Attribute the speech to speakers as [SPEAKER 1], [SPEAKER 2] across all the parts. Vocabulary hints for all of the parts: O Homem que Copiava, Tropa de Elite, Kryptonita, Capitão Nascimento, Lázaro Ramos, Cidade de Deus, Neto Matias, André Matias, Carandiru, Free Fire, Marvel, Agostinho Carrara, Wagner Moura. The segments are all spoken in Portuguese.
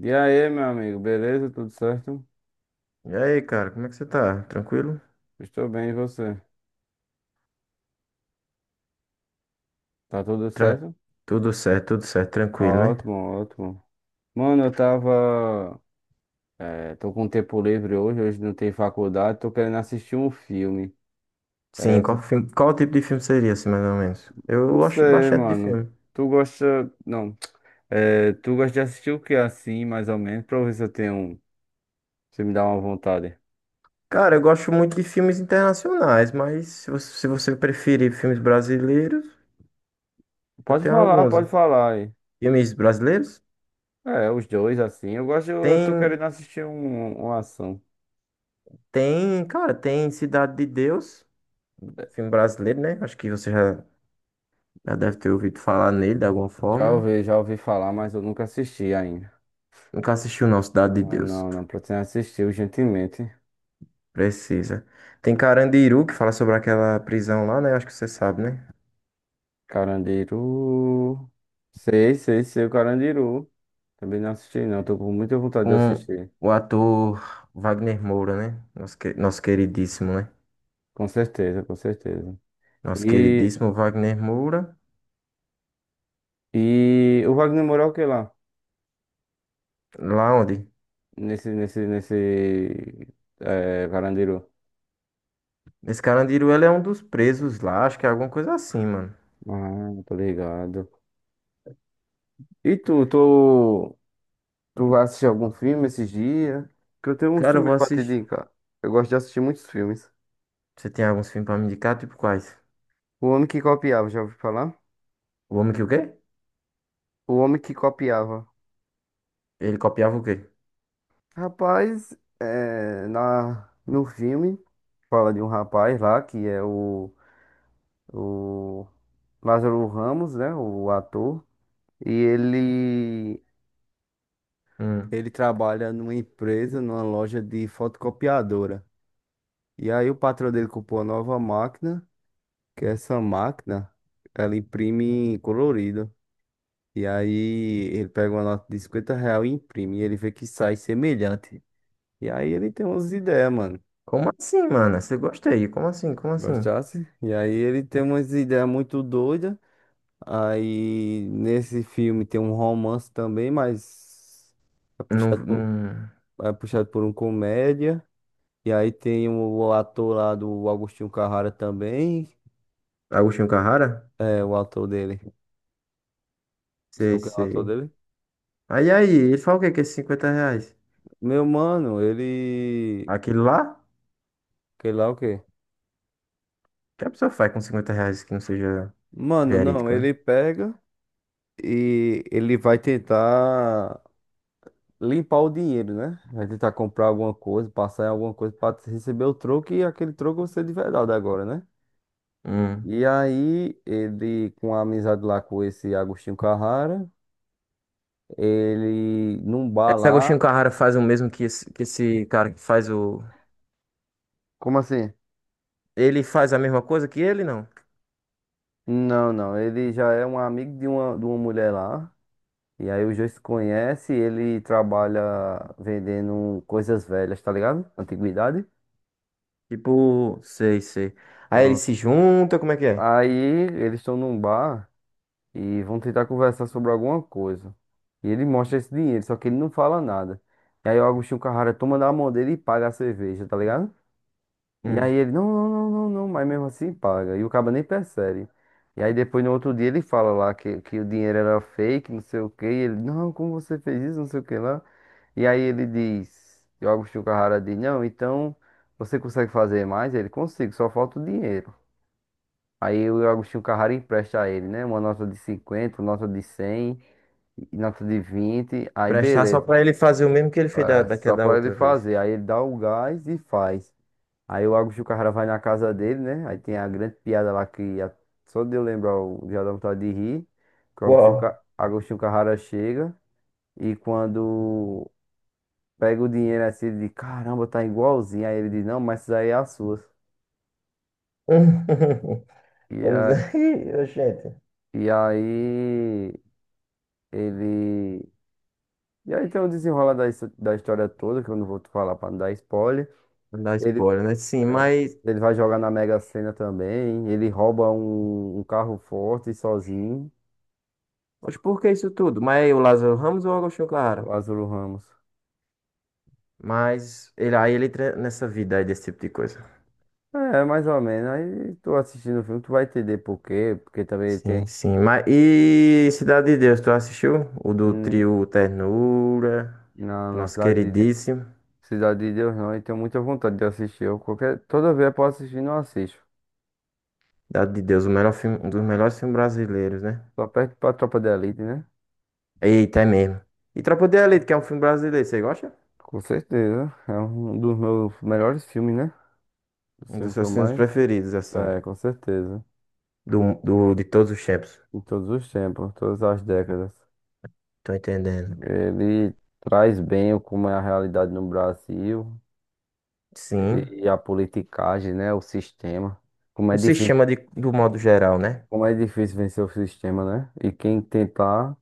[SPEAKER 1] E aí, meu amigo, beleza? Tudo certo?
[SPEAKER 2] E aí, cara, como é que você tá? Tranquilo?
[SPEAKER 1] Estou bem, e você? Tá tudo
[SPEAKER 2] Tran-
[SPEAKER 1] certo?
[SPEAKER 2] Tudo certo, tranquilo, né?
[SPEAKER 1] Ótimo, ótimo. Mano, tô com tempo livre hoje, hoje não tem faculdade, tô querendo assistir um filme. é
[SPEAKER 2] Sim,
[SPEAKER 1] tu-
[SPEAKER 2] qual tipo de filme seria, assim, mais ou menos? Eu
[SPEAKER 1] Não
[SPEAKER 2] gosto
[SPEAKER 1] sei,
[SPEAKER 2] bastante de
[SPEAKER 1] mano.
[SPEAKER 2] filme.
[SPEAKER 1] Tu gosta. Não. Tu gosta de assistir o que assim, mais ou menos, pra eu ver se eu tenho. Se me dá uma vontade.
[SPEAKER 2] Cara, eu gosto muito de filmes internacionais, mas se você preferir filmes brasileiros, eu tenho alguns.
[SPEAKER 1] Pode falar aí.
[SPEAKER 2] Filmes brasileiros?
[SPEAKER 1] É, os dois assim. Eu gosto, eu tô
[SPEAKER 2] Tem,
[SPEAKER 1] querendo assistir uma ação.
[SPEAKER 2] tem, cara, tem Cidade de Deus, filme brasileiro, né? Acho que você já deve ter ouvido falar nele de alguma forma.
[SPEAKER 1] Já ouvi falar, mas eu nunca assisti ainda.
[SPEAKER 2] Nunca assistiu, não, Cidade de
[SPEAKER 1] Não,
[SPEAKER 2] Deus.
[SPEAKER 1] não não pretendo assistir urgentemente.
[SPEAKER 2] Precisa. Tem Carandiru, que fala sobre aquela prisão lá, né? Acho que você sabe, né?
[SPEAKER 1] Carandiru. Sei, sei, sei o Carandiru. Também não assisti, não. Tô com muita vontade de
[SPEAKER 2] Com
[SPEAKER 1] assistir.
[SPEAKER 2] o ator Wagner Moura, né? Nosso queridíssimo, né?
[SPEAKER 1] Com certeza, com certeza.
[SPEAKER 2] Nosso
[SPEAKER 1] E,
[SPEAKER 2] queridíssimo Wagner Moura.
[SPEAKER 1] e o Wagner Moura é o que lá?
[SPEAKER 2] Lá onde?
[SPEAKER 1] Nesse. É, Carandiru.
[SPEAKER 2] Esse Carandiru, ele é um dos presos lá. Acho que é alguma coisa assim, mano.
[SPEAKER 1] Ah, tô ligado. E tu vai assistir algum filme esses dias? Que eu tenho uns
[SPEAKER 2] Cara, eu vou
[SPEAKER 1] também pra te
[SPEAKER 2] assistir.
[SPEAKER 1] indicar. Eu gosto de assistir muitos filmes.
[SPEAKER 2] Você tem alguns filmes pra me indicar? Tipo quais?
[SPEAKER 1] O Homem que Copiava, já ouviu falar?
[SPEAKER 2] O Homem que o quê?
[SPEAKER 1] O Homem que Copiava.
[SPEAKER 2] Ele copiava o quê?
[SPEAKER 1] Rapaz, é, no filme fala de um rapaz lá que é o Lázaro Ramos, né? O ator. E ele,
[SPEAKER 2] Hum.
[SPEAKER 1] ele trabalha numa empresa, numa loja de fotocopiadora. E aí o patrão dele comprou uma nova máquina, que é essa máquina, ela imprime colorido. E aí ele pega uma nota de R$ 50 e imprime. E ele vê que sai semelhante. E aí ele tem umas ideias, mano.
[SPEAKER 2] Como assim, mano? Você gosta aí? Como assim? Como assim?
[SPEAKER 1] Gostasse? E aí ele tem umas ideias muito doidas. Aí nesse filme tem um romance também, mas é
[SPEAKER 2] Não,
[SPEAKER 1] puxado por,
[SPEAKER 2] não...
[SPEAKER 1] é puxado por um comédia. E aí tem o ator lá do Agostinho Carrara também.
[SPEAKER 2] Agostinho Carrara?
[SPEAKER 1] É o ator dele.
[SPEAKER 2] Sei,
[SPEAKER 1] Sabe quem é o ator
[SPEAKER 2] sei.
[SPEAKER 1] dele?
[SPEAKER 2] Aí, ele fala o quê? Que é esses 50 reais?
[SPEAKER 1] Meu mano, ele.
[SPEAKER 2] Aquilo lá?
[SPEAKER 1] Sei lá o quê?
[SPEAKER 2] O que a pessoa faz com 50 reais que não seja
[SPEAKER 1] Mano, não,
[SPEAKER 2] verídico, né?
[SPEAKER 1] ele pega e ele vai tentar limpar o dinheiro, né? Vai tentar comprar alguma coisa, passar em alguma coisa para receber o troco e aquele troco você de verdade agora, né?
[SPEAKER 2] Hum.
[SPEAKER 1] E aí, ele, com a amizade lá com esse Agostinho Carrara, ele num bar
[SPEAKER 2] Esse Agostinho
[SPEAKER 1] lá.
[SPEAKER 2] Carrara faz o mesmo que esse cara que faz o.
[SPEAKER 1] Como assim?
[SPEAKER 2] Ele faz a mesma coisa que ele, não?
[SPEAKER 1] Não, não, ele já é um amigo de uma mulher lá. E aí os dois se conhecem, ele trabalha vendendo coisas velhas, tá ligado? Antiguidade.
[SPEAKER 2] Tipo, sei, sei. Aí ele se
[SPEAKER 1] Pronto.
[SPEAKER 2] junta, como é que é?
[SPEAKER 1] Aí eles estão num bar e vão tentar conversar sobre alguma coisa. E ele mostra esse dinheiro, só que ele não fala nada. E aí o Agostinho Carrara toma na mão dele e paga a cerveja, tá ligado? E aí
[SPEAKER 2] Hum.
[SPEAKER 1] ele, não, não, não, não, não, mas mesmo assim paga. E o cara nem percebe. E aí depois no outro dia ele fala lá que o dinheiro era fake, não sei o quê. E ele, não, como você fez isso, não sei o que lá. E aí ele diz, e o Agostinho Carrara diz, não, então você consegue fazer mais? Ele, consigo, só falta o dinheiro. Aí o Agostinho Carrara empresta a ele, né? Uma nota de 50, nota de 100, e nota de 20, aí
[SPEAKER 2] Prestar só
[SPEAKER 1] beleza.
[SPEAKER 2] pra ele fazer o mesmo que ele fez da,
[SPEAKER 1] É, só
[SPEAKER 2] daquela da
[SPEAKER 1] pra ele
[SPEAKER 2] outra vez.
[SPEAKER 1] fazer. Aí ele dá o gás e faz. Aí o Agostinho Carrara vai na casa dele, né? Aí tem a grande piada lá que só de eu lembrar eu já dá vontade de rir. Que o Agostinho, Ca-
[SPEAKER 2] Uau.
[SPEAKER 1] Agostinho Carrara chega e quando pega o dinheiro assim, ele diz: caramba, tá igualzinho. Aí ele diz: não, mas isso aí é as suas. E,
[SPEAKER 2] Vamos
[SPEAKER 1] a-
[SPEAKER 2] aí, gente.
[SPEAKER 1] e aí ele. E aí tem o desenrola da história toda, que eu não vou te falar pra não dar spoiler.
[SPEAKER 2] Não dá
[SPEAKER 1] Ele,
[SPEAKER 2] spoiler, né? Sim, mas.
[SPEAKER 1] ele vai jogar na Mega Sena também. Ele rouba um carro forte sozinho,
[SPEAKER 2] Mas por que isso tudo? Mas é o Lázaro Ramos ou o Agostinho
[SPEAKER 1] o
[SPEAKER 2] Carrara?
[SPEAKER 1] Lázaro Ramos.
[SPEAKER 2] Aí ele entra nessa vida aí desse tipo de coisa.
[SPEAKER 1] É, mais ou menos. Aí tu assistindo o filme, tu vai entender por quê. Porque também tem
[SPEAKER 2] Sim, sim. Mas e Cidade de Deus, tu assistiu? O do
[SPEAKER 1] hum,
[SPEAKER 2] trio Ternura,
[SPEAKER 1] na, na
[SPEAKER 2] nosso
[SPEAKER 1] cidade de, De-
[SPEAKER 2] queridíssimo.
[SPEAKER 1] Cidade de Deus, não. E tenho muita vontade de assistir. Eu, qualquer, toda vez eu posso assistir, não assisto.
[SPEAKER 2] Cidade de Deus, o melhor filme, um dos melhores filmes brasileiros, né?
[SPEAKER 1] Só perto pra Tropa de Elite, né?
[SPEAKER 2] Eita, é mesmo. E Tropa de Elite, que é um filme brasileiro, você gosta?
[SPEAKER 1] Com certeza. É um dos meus melhores filmes, né? O
[SPEAKER 2] Um
[SPEAKER 1] filme
[SPEAKER 2] dos
[SPEAKER 1] que eu
[SPEAKER 2] seus filmes
[SPEAKER 1] mais.
[SPEAKER 2] preferidos, assim,
[SPEAKER 1] É, com certeza.
[SPEAKER 2] de todos os tempos.
[SPEAKER 1] Em todos os tempos, todas as décadas.
[SPEAKER 2] Tô entendendo.
[SPEAKER 1] Ele traz bem o como é a realidade no Brasil
[SPEAKER 2] Sim.
[SPEAKER 1] e a politicagem, né? O sistema. Como é
[SPEAKER 2] O
[SPEAKER 1] difícil,
[SPEAKER 2] sistema do modo geral, né?
[SPEAKER 1] como é difícil vencer o sistema, né? E quem tentar,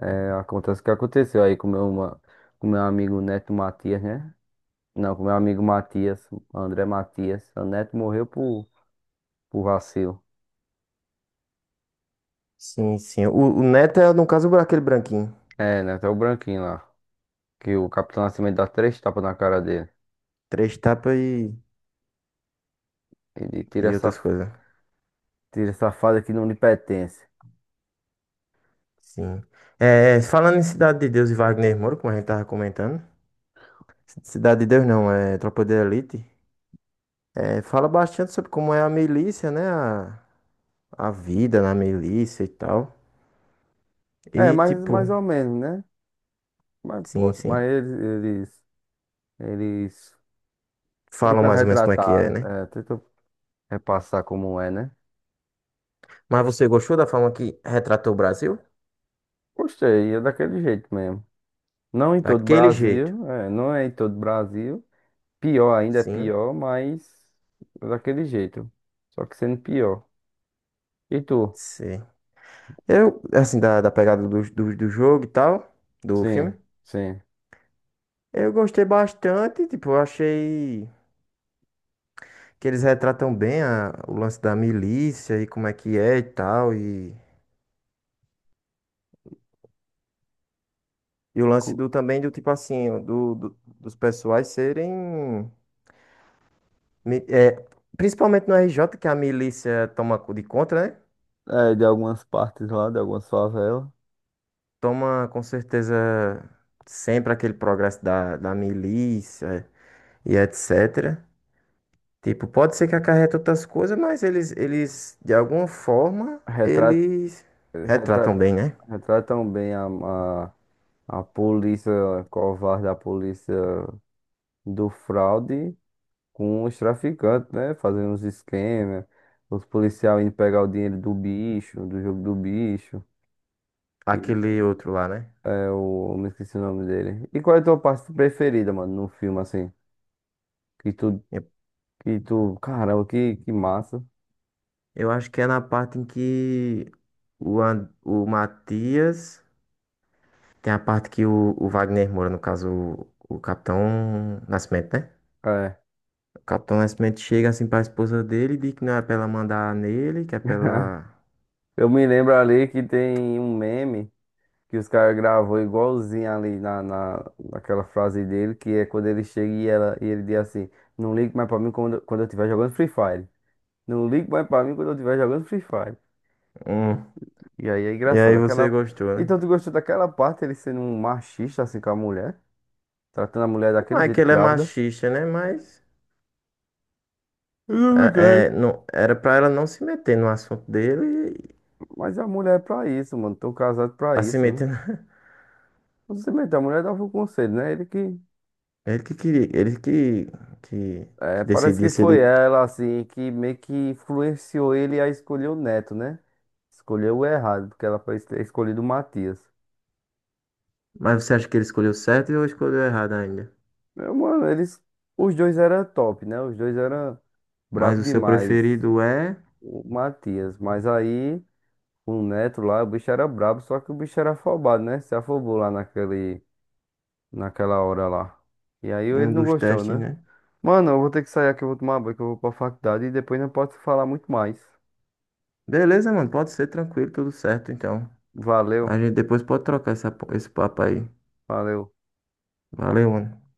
[SPEAKER 1] é, acontece o que aconteceu aí com com meu amigo Neto Matias, né? Não, com meu amigo Matias, André Matias. O Neto morreu por vacilo.
[SPEAKER 2] Sim, sim. O Neto é, no caso, aquele branquinho.
[SPEAKER 1] É, Neto é o branquinho lá. Que o Capitão Nascimento dá três tapas na cara dele.
[SPEAKER 2] Três tapas.
[SPEAKER 1] Ele
[SPEAKER 2] E outras coisas.
[SPEAKER 1] tira essa fase que não lhe pertence.
[SPEAKER 2] Sim. É, falando em Cidade de Deus e Wagner Moura, como a gente tava comentando. Cidade de Deus não, é Tropa de Elite. É, fala bastante sobre como é a milícia, né? A vida na milícia e tal. E
[SPEAKER 1] É,
[SPEAKER 2] tipo,
[SPEAKER 1] mais ou menos, né? Mas
[SPEAKER 2] sim,
[SPEAKER 1] posso. Mas
[SPEAKER 2] sim.
[SPEAKER 1] eles,
[SPEAKER 2] Falam
[SPEAKER 1] tentam
[SPEAKER 2] mais ou menos como é que é,
[SPEAKER 1] retratar,
[SPEAKER 2] né?
[SPEAKER 1] é, tentam repassar como é, né?
[SPEAKER 2] Mas você gostou da forma que retratou o Brasil?
[SPEAKER 1] Gostei, é daquele jeito mesmo. Não em todo o
[SPEAKER 2] Daquele jeito.
[SPEAKER 1] Brasil, é, não é em todo o Brasil. Pior ainda é
[SPEAKER 2] Sim,
[SPEAKER 1] pior, mas é daquele jeito. Só que sendo pior. E tu?
[SPEAKER 2] sim. Eu, assim, da pegada do jogo e tal, do filme.
[SPEAKER 1] Sim, sim.
[SPEAKER 2] Eu gostei bastante, tipo, eu achei que eles retratam bem o lance da milícia e como é que é e tal. E o lance
[SPEAKER 1] Cu-
[SPEAKER 2] do também do tipo assim, dos pessoais serem. É, principalmente no RJ, que a milícia toma de conta, né?
[SPEAKER 1] É, de algumas partes lá, de algumas favelas.
[SPEAKER 2] Toma com certeza sempre aquele progresso da milícia e etc. Tipo, pode ser que acarreta outras coisas, mas eles, de alguma forma,
[SPEAKER 1] Retrata
[SPEAKER 2] eles
[SPEAKER 1] Retratam,
[SPEAKER 2] retratam bem, né?
[SPEAKER 1] retratam, bem a, a polícia covarde, a polícia do fraude com os traficantes, né? Fazendo uns esquemas, os policiais indo pegar o dinheiro do bicho, do jogo do bicho. E
[SPEAKER 2] Aquele outro lá, né?
[SPEAKER 1] é o. Me esqueci o nome dele. E qual é a tua parte preferida, mano, no filme, assim? Que tu. Que tu. Caramba, que massa.
[SPEAKER 2] Eu acho que é na parte em que o Matias. Tem a parte que o Wagner Moura, no caso, o Capitão Nascimento, né?
[SPEAKER 1] É.
[SPEAKER 2] O Capitão Nascimento chega assim pra esposa dele e diz que não é pra ela mandar nele, que é pra ela.
[SPEAKER 1] Eu me lembro ali que tem um meme. Que os caras gravou igualzinho ali naquela frase dele, que é quando ele chega e, ela, e ele diz assim, não ligue mais pra mim quando eu estiver jogando Free Fire. Não ligue mais pra mim quando eu estiver jogando Free Fire.
[SPEAKER 2] Hum.
[SPEAKER 1] E aí é
[SPEAKER 2] E
[SPEAKER 1] engraçado.
[SPEAKER 2] aí você
[SPEAKER 1] Aquela...
[SPEAKER 2] gostou, né?
[SPEAKER 1] Então tu gostou daquela parte, ele sendo um machista assim com a mulher, tratando a mulher
[SPEAKER 2] Não
[SPEAKER 1] daquele
[SPEAKER 2] é que
[SPEAKER 1] jeito
[SPEAKER 2] ele é
[SPEAKER 1] grávida.
[SPEAKER 2] machista, né? Mas
[SPEAKER 1] Eu não me caio.
[SPEAKER 2] não, era pra ela não se meter no assunto dele,
[SPEAKER 1] Mas a mulher é pra isso, mano. Tô casado pra
[SPEAKER 2] pra se
[SPEAKER 1] isso, né?
[SPEAKER 2] meter.
[SPEAKER 1] Não se mete, a mulher dava o conselho, né? Ele que.
[SPEAKER 2] Ele que queria, ele
[SPEAKER 1] É,
[SPEAKER 2] que
[SPEAKER 1] parece
[SPEAKER 2] decidia
[SPEAKER 1] que
[SPEAKER 2] se
[SPEAKER 1] foi
[SPEAKER 2] ele.
[SPEAKER 1] ela, assim, que meio que influenciou ele a escolher o Neto, né? Escolheu o errado, porque ela foi ter escolhido o Matias.
[SPEAKER 2] Mas você acha que ele escolheu certo ou escolheu errado ainda?
[SPEAKER 1] Meu, mano, eles. Os dois eram top, né? Os dois eram
[SPEAKER 2] Mas
[SPEAKER 1] brabo
[SPEAKER 2] o seu
[SPEAKER 1] demais.
[SPEAKER 2] preferido é
[SPEAKER 1] O Matias. Mas aí, o Neto lá, o bicho era brabo, só que o bicho era afobado, né? Se afobou lá naquele, naquela hora lá. E aí
[SPEAKER 2] e um
[SPEAKER 1] ele não
[SPEAKER 2] dos
[SPEAKER 1] gostou,
[SPEAKER 2] testes,
[SPEAKER 1] né?
[SPEAKER 2] né?
[SPEAKER 1] Mano, eu vou ter que sair aqui, eu vou tomar banho, que eu vou pra faculdade e depois não posso falar muito mais.
[SPEAKER 2] Beleza, mano. Pode ser tranquilo, tudo certo, então.
[SPEAKER 1] Valeu,
[SPEAKER 2] A gente depois pode trocar essa, po- esse papo aí.
[SPEAKER 1] valeu.
[SPEAKER 2] Valeu, mano.